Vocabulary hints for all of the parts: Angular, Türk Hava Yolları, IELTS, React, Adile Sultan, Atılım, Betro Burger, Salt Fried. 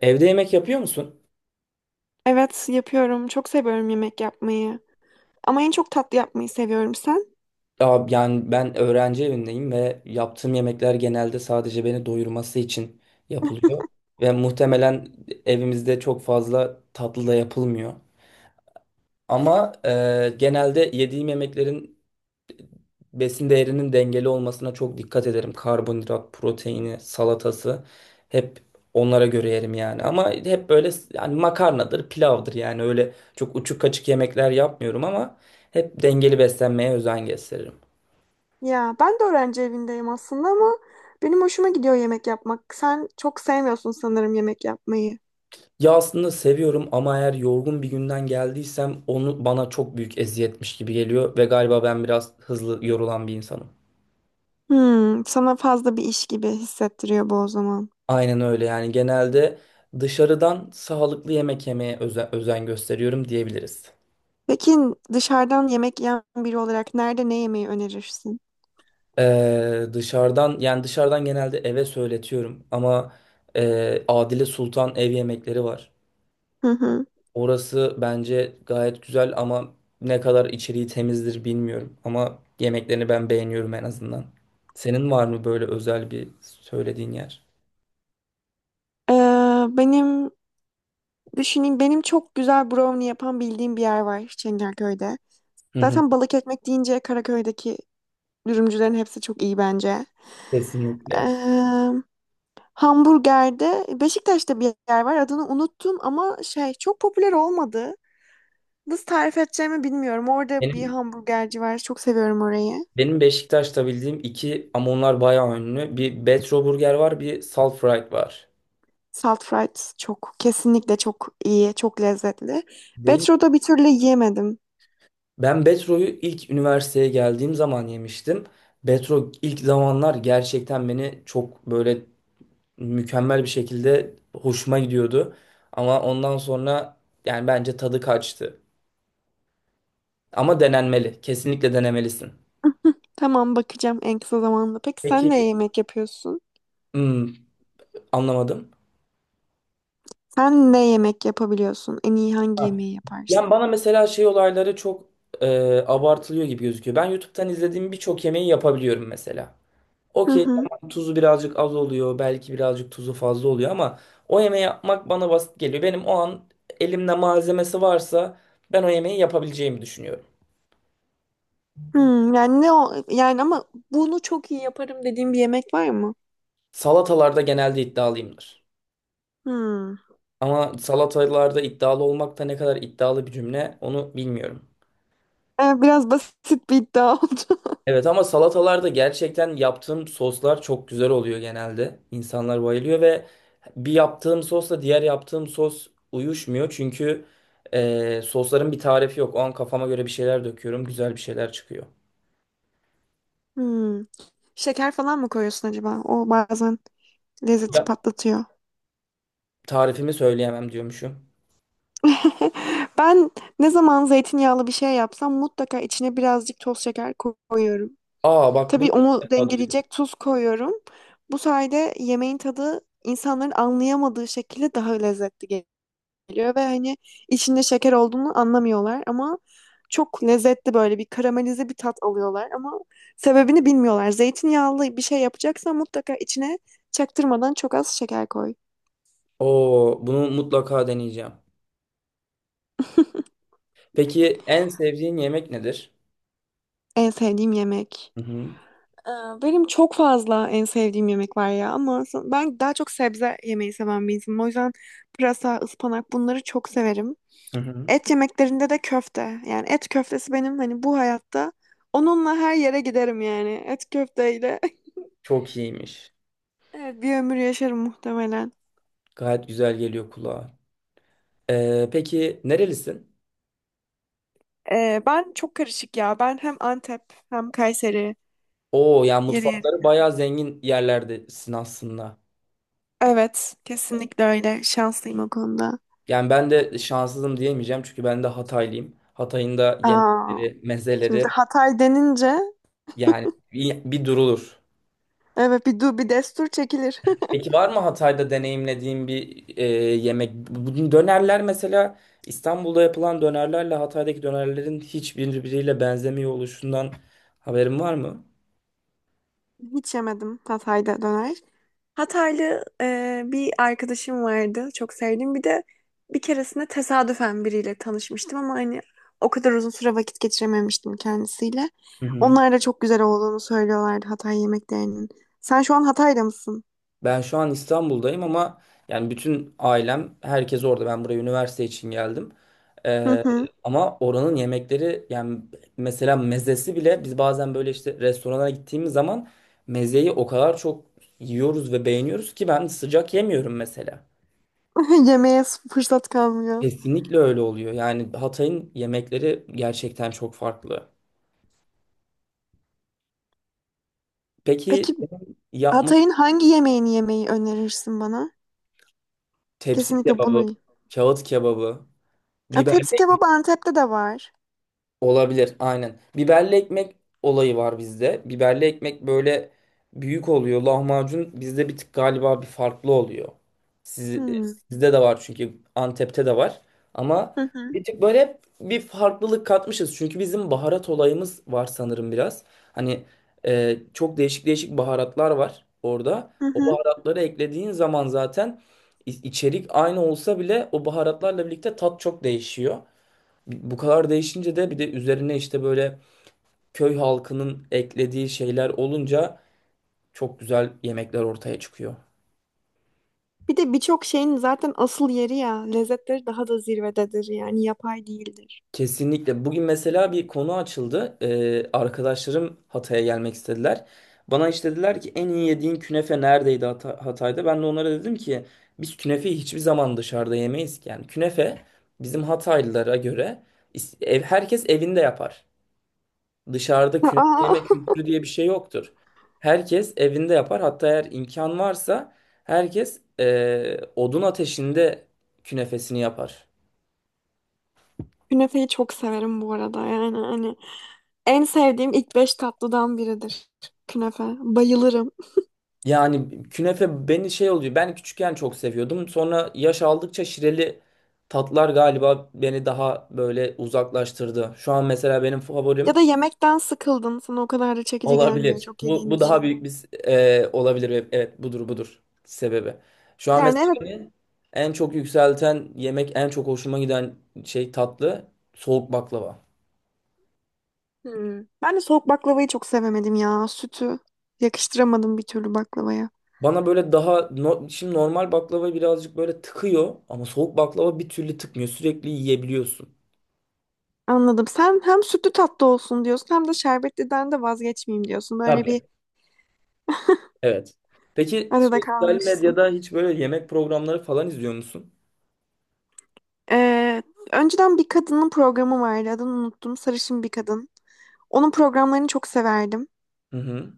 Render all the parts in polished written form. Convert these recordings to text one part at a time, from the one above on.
Evde yemek yapıyor musun? Evet, yapıyorum. Çok seviyorum yemek yapmayı. Ama en çok tatlı yapmayı seviyorum. Sen? Aa, yani ben öğrenci evindeyim ve yaptığım yemekler genelde sadece beni doyurması için yapılıyor. Ve muhtemelen evimizde çok fazla tatlı da yapılmıyor. Ama genelde yediğim yemeklerin besin değerinin dengeli olmasına çok dikkat ederim. Karbonhidrat, proteini, salatası hep onlara göre yerim yani. Ama hep böyle yani makarnadır, pilavdır yani öyle çok uçuk kaçık yemekler yapmıyorum ama hep dengeli beslenmeye özen gösteririm. Ya ben de öğrenci evindeyim aslında ama benim hoşuma gidiyor yemek yapmak. Sen çok sevmiyorsun sanırım yemek yapmayı. Ya aslında seviyorum ama eğer yorgun bir günden geldiysem onu bana çok büyük eziyetmiş gibi geliyor ve galiba ben biraz hızlı yorulan bir insanım. Hmm, sana fazla bir iş gibi hissettiriyor bu o zaman. Aynen öyle yani genelde dışarıdan sağlıklı yemek yemeye özen gösteriyorum diyebiliriz. Peki dışarıdan yemek yiyen biri olarak nerede ne yemeyi önerirsin? Dışarıdan yani dışarıdan genelde eve söyletiyorum ama Adile Sultan ev yemekleri var. Hı hı. Orası bence gayet güzel ama ne kadar içeriği temizdir bilmiyorum ama yemeklerini ben beğeniyorum en azından. Senin var mı böyle özel bir söylediğin yer? Ee, benim Düşüneyim, benim çok güzel brownie yapan bildiğim bir yer var Çengelköy'de. Hı hı, Zaten balık ekmek deyince Karaköy'deki dürümcülerin hepsi çok iyi bence. kesinlikle. Ee, Hamburgerde Beşiktaş'ta bir yer var, adını unuttum ama şey, çok popüler olmadı. Nasıl tarif edeceğimi bilmiyorum. Orada bir Benim hamburgerci var. Çok seviyorum orayı. benim Beşiktaş'ta bildiğim iki ama onlar bayağı ünlü. Bir Betro Burger var, bir Salt Fried var. Salt fries çok, kesinlikle çok iyi, çok lezzetli. Değil Betro'da bir türlü yiyemedim. Ben Betro'yu ilk üniversiteye geldiğim zaman yemiştim. Betro ilk zamanlar gerçekten beni çok böyle mükemmel bir şekilde hoşuma gidiyordu. Ama ondan sonra yani bence tadı kaçtı. Ama denenmeli. Kesinlikle denemelisin. Tamam, bakacağım en kısa zamanda. Peki sen Peki. ne yemek yapıyorsun? Hmm, anlamadım. Sen ne yemek yapabiliyorsun? En iyi hangi ha, yemeği Yani yaparsın? bana mesela şey olayları çok e, abartılıyor gibi gözüküyor. Ben YouTube'dan izlediğim birçok yemeği yapabiliyorum mesela. Hı Okey hı. tamam tuzu birazcık az oluyor. Belki birazcık tuzu fazla oluyor ama o yemeği yapmak bana basit geliyor. Benim o an elimde malzemesi varsa ben o yemeği yapabileceğimi düşünüyorum. Hmm, yani ne o yani, ama bunu çok iyi yaparım dediğim bir yemek var mı? Salatalarda genelde iddialıyımdır. Hmm. Ama salatalarda iddialı olmak da ne kadar iddialı bir cümle onu bilmiyorum. Biraz basit bir iddia oldu. Evet ama salatalarda gerçekten yaptığım soslar çok güzel oluyor genelde. İnsanlar bayılıyor ve bir yaptığım sosla diğer yaptığım sos uyuşmuyor. Çünkü sosların bir tarifi yok. O an kafama göre bir şeyler döküyorum. Güzel bir şeyler çıkıyor. Hmm. Şeker falan mı koyuyorsun acaba? O bazen lezzeti Ya, patlatıyor. tarifimi söyleyemem diyormuşum. Ben ne zaman zeytinyağlı bir şey yapsam mutlaka içine birazcık toz şeker koyuyorum. Aa, bak bunu Tabii ilk onu defa duydum. dengeleyecek tuz koyuyorum. Bu sayede yemeğin tadı insanların anlayamadığı şekilde daha lezzetli geliyor ve hani içinde şeker olduğunu anlamıyorlar ama çok lezzetli, böyle bir karamelize bir tat alıyorlar ama sebebini bilmiyorlar. Zeytinyağlı bir şey yapacaksan mutlaka içine çaktırmadan çok az şeker koy. Oo, bunu mutlaka deneyeceğim. Peki en sevdiğin yemek nedir? En sevdiğim yemek. Hı hı. Ee, Benim çok fazla en sevdiğim yemek var ya ama ben daha çok sebze yemeyi seven bir insanım. O yüzden pırasa, ıspanak, bunları çok severim. Hı hı. Et yemeklerinde de köfte. Yani et köftesi, benim hani bu hayatta onunla her yere giderim yani. Et köfteyle Çok iyiymiş. evet, bir ömür yaşarım muhtemelen. Gayet güzel geliyor kulağa. Peki nerelisin? Ben çok karışık ya. Ben hem Antep hem Kayseri Oo, yani yeri mutfakları yeri. bayağı zengin yerlerdesin aslında. Evet, kesinlikle öyle. Şanslıyım o konuda. Yani ben de şanssızım diyemeyeceğim çünkü ben de Hataylıyım. Hatay'ın da Aa, yemekleri, şimdi mezeleri Hatay denince yani bir durulur. evet, bir destur çekilir. Peki var mı Hatay'da deneyimlediğin bir yemek? Bu dönerler mesela İstanbul'da yapılan dönerlerle Hatay'daki dönerlerin hiçbiriyle benzemiyor oluşundan haberin var mı? Hiç yemedim Hatay'da döner. Hataylı bir arkadaşım vardı. Çok sevdiğim. Bir de bir keresinde tesadüfen biriyle tanışmıştım ama hani o kadar uzun süre vakit geçirememiştim kendisiyle. Hı hı. Onlar da çok güzel olduğunu söylüyorlardı Hatay yemeklerinin. Sen şu an Hatay'da mısın? Ben şu an İstanbul'dayım ama yani bütün ailem, herkes orada. Ben buraya üniversite için geldim. Hı Ee, hı. ama oranın yemekleri yani mesela mezesi bile biz bazen böyle işte restorana gittiğimiz zaman mezeyi o kadar çok yiyoruz ve beğeniyoruz ki ben sıcak yemiyorum mesela. Yemeğe fırsat kalmıyor. Kesinlikle öyle oluyor. Yani Hatay'ın yemekleri gerçekten çok farklı. Peki Peki yapma Hatay'ın hangi yemeğini yemeyi önerirsin bana? tepsi Kesinlikle kebabı, bunu. kağıt kebabı, Ya, biber. tepsi kebabı Antep'te de var. Olabilir aynen. Biberli ekmek olayı var bizde. Biberli ekmek böyle büyük oluyor. Lahmacun bizde bir tık galiba bir farklı oluyor. Siz, e, Hmm. sizde de var çünkü Antep'te de var. Ama Hı hı. bir tık böyle hep bir farklılık katmışız. Çünkü bizim baharat olayımız var sanırım biraz. Hani çok değişik değişik baharatlar var orada. Hı O hı. baharatları eklediğin zaman zaten içerik aynı olsa bile o baharatlarla birlikte tat çok değişiyor. Bu kadar değişince de bir de üzerine işte böyle köy halkının eklediği şeyler olunca çok güzel yemekler ortaya çıkıyor. Bir de birçok şeyin zaten asıl yeri ya. Lezzetleri daha da zirvededir yani, yapay değildir. Kesinlikle. Bugün mesela bir konu açıldı. Arkadaşlarım Hatay'a gelmek istediler. Bana işte dediler ki en iyi yediğin künefe neredeydi Hatay'da? Ben de onlara dedim ki biz künefeyi hiçbir zaman dışarıda yemeyiz ki. Yani künefe bizim Hataylılara göre herkes evinde yapar. Dışarıda künefe yemek Aa, kültürü diye bir şey yoktur. Herkes evinde yapar. Hatta eğer imkan varsa herkes odun ateşinde künefesini yapar. künefeyi çok severim bu arada, yani hani en sevdiğim ilk beş tatlıdan biridir künefe. Bayılırım. Yani künefe beni şey oluyor. Ben küçükken çok seviyordum. Sonra yaş aldıkça şireli tatlar galiba beni daha böyle uzaklaştırdı. Şu an mesela benim Ya favorim. da yemekten sıkıldın, sana o kadar da çekici gelmiyor Olabilir. çok Bu, yediğin bu daha için. büyük bir olabilir. Evet, evet, budur budur sebebi. Şu an Yani mesela evet. beni en çok yükselten yemek, en çok hoşuma giden şey tatlı soğuk baklava. Hmm. Ben de soğuk baklavayı çok sevemedim ya, sütü yakıştıramadım bir türlü baklavaya. Bana böyle daha şimdi normal baklava birazcık böyle tıkıyor ama soğuk baklava bir türlü tıkmıyor. Sürekli yiyebiliyorsun. Anladım. Sen hem sütlü tatlı olsun diyorsun hem de şerbetliden de vazgeçmeyeyim diyorsun. Böyle bir Tabii. Evet. Peki arada sosyal kalmışsın. medyada hiç böyle yemek programları falan izliyor musun? Ee, Önceden bir kadının programı vardı. Adını unuttum. Sarışın bir kadın. Onun programlarını çok severdim. Hı hı.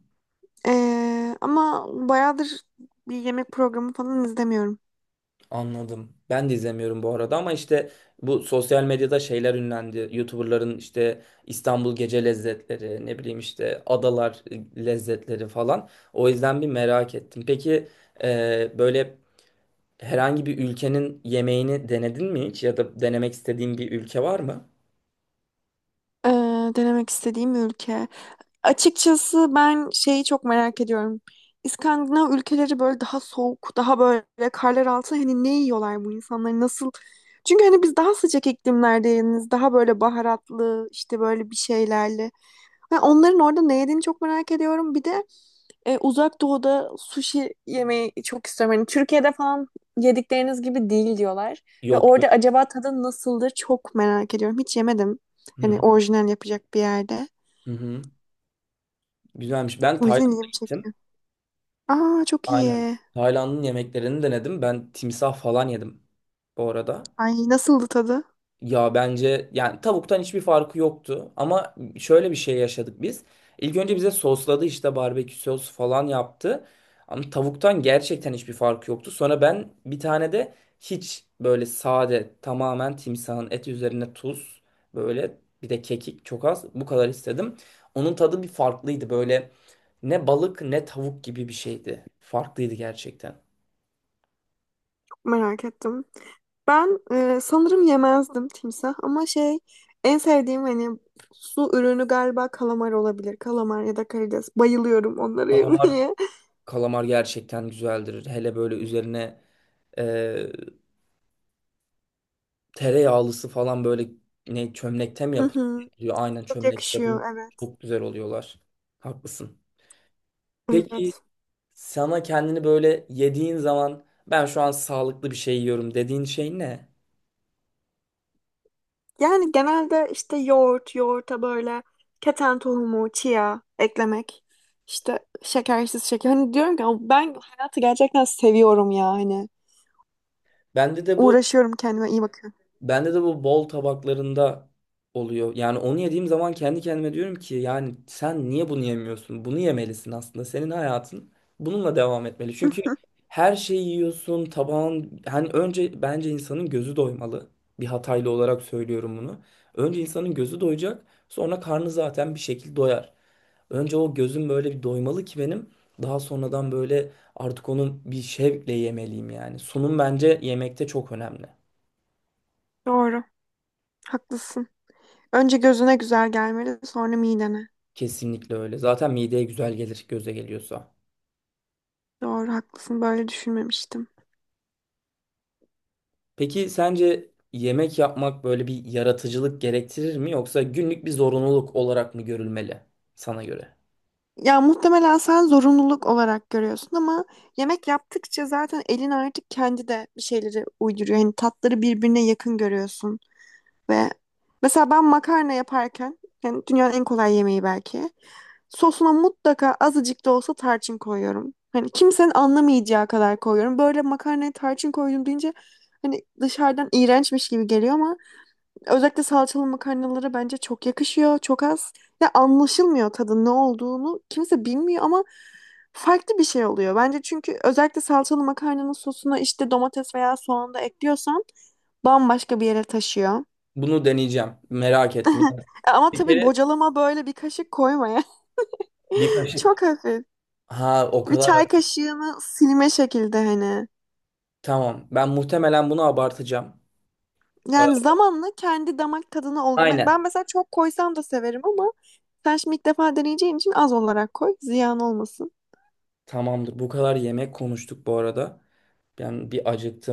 Ama bayağıdır bir yemek programı falan izlemiyorum. Anladım. Ben de izlemiyorum bu arada ama işte bu sosyal medyada şeyler ünlendi. YouTuber'ların işte İstanbul gece lezzetleri, ne bileyim işte adalar lezzetleri falan. O yüzden bir merak ettim. Peki böyle herhangi bir ülkenin yemeğini denedin mi hiç ya da denemek istediğin bir ülke var mı? Ee, Denemek istediğim ülke. Açıkçası ben şeyi çok merak ediyorum. İskandinav ülkeleri, böyle daha soğuk, daha böyle karlar altında, hani ne yiyorlar bu insanlar, nasıl? Çünkü hani biz daha sıcak iklimlerdeniz, daha böyle baharatlı, işte böyle bir şeylerle. Ha, onların orada ne yediğini çok merak ediyorum. Bir de Uzak Doğu'da sushi yemeyi çok istiyorum. Hani Türkiye'de falan yedikleriniz gibi değil diyorlar. Ve Yok yok. orada acaba tadı nasıldır çok merak ediyorum. Hiç yemedim. Hı Hani hı. orijinal yapacak bir yerde. Hı hı. Güzelmiş. Ben O yüzden Tayland'a ilgimi gittim. çekiyor. Aa, çok Aynen. iyi. Tayland'ın yemeklerini denedim. Ben timsah falan yedim bu arada. Ay, nasıldı tadı? Ya bence yani tavuktan hiçbir farkı yoktu ama şöyle bir şey yaşadık biz. İlk önce bize sosladı işte barbekü sosu falan yaptı. Ama tavuktan gerçekten hiçbir farkı yoktu. Sonra ben bir tane de hiç böyle sade tamamen timsahın eti üzerine tuz böyle bir de kekik çok az bu kadar istedim. Onun tadı bir farklıydı böyle ne balık ne tavuk gibi bir şeydi. Farklıydı gerçekten. Çok merak ettim. Ben sanırım yemezdim timsah ama şey, en sevdiğim hani su ürünü galiba kalamar olabilir. Kalamar ya da karides. Bayılıyorum onları Kalamar yemeye. Kalamar gerçekten güzeldir. Hele böyle üzerine e, tereyağlısı falan böyle ne çömlekte mi Hı hı. yapılıyor? Aynen Çok çömlekte yakışıyor, yapılıyor. evet. Çok güzel oluyorlar. Haklısın. Peki Evet. sana kendini böyle yediğin zaman ben şu an sağlıklı bir şey yiyorum dediğin şey ne? Yani genelde işte yoğurt, yoğurta böyle keten tohumu, chia eklemek. İşte şekersiz şeker. Hani diyorum ki ben hayatı gerçekten seviyorum ya hani. Bende de bu Uğraşıyorum, kendime iyi bakıyorum. Bende de bu bol tabaklarında oluyor. Yani onu yediğim zaman kendi kendime diyorum ki yani sen niye bunu yemiyorsun? Bunu yemelisin aslında. Senin hayatın bununla devam etmeli. Çünkü her şeyi yiyorsun, tabağın hani önce bence insanın gözü doymalı. Bir Hataylı olarak söylüyorum bunu. Önce insanın gözü doyacak, sonra karnı zaten bir şekilde doyar. Önce o gözüm böyle bir doymalı ki benim. Daha sonradan böyle artık onu bir şevkle yemeliyim yani. Sunum bence yemekte çok önemli. Doğru. Haklısın. Önce gözüne güzel gelmeli, sonra midene. Kesinlikle öyle. Zaten mideye güzel gelir göze geliyorsa. Doğru, haklısın. Böyle düşünmemiştim. Peki sence yemek yapmak böyle bir yaratıcılık gerektirir mi yoksa günlük bir zorunluluk olarak mı görülmeli sana göre? Ya muhtemelen sen zorunluluk olarak görüyorsun ama yemek yaptıkça zaten elin artık kendi de bir şeyleri uyduruyor. Hani tatları birbirine yakın görüyorsun ve mesela ben makarna yaparken, yani dünyanın en kolay yemeği belki, sosuna mutlaka azıcık da olsa tarçın koyuyorum. Hani kimsenin anlamayacağı kadar koyuyorum. Böyle makarnaya tarçın koydum deyince hani dışarıdan iğrençmiş gibi geliyor ama özellikle salçalı makarnalara bence çok yakışıyor. Çok az. Ya anlaşılmıyor tadın ne olduğunu. Kimse bilmiyor ama farklı bir şey oluyor. Bence çünkü özellikle salçalı makarnanın sosuna işte domates veya soğan da ekliyorsan bambaşka bir yere taşıyor. Bunu deneyeceğim. Merak etme. Yani Ama bir tabii kere bocalama böyle bir kaşık koymaya. bir Çok kaşık. hafif. Ha o Bir kadar. çay kaşığını silme şekilde hani. Tamam. Ben muhtemelen bunu abartacağım. Ee, Yani zamanla kendi damak tadına ol. Ben Aynen. mesela çok koysam da severim ama sen şimdi ilk defa deneyeceğin için az olarak koy. Ziyan olmasın. Tamamdır. Bu kadar yemek konuştuk bu arada. Ben bir acıktım.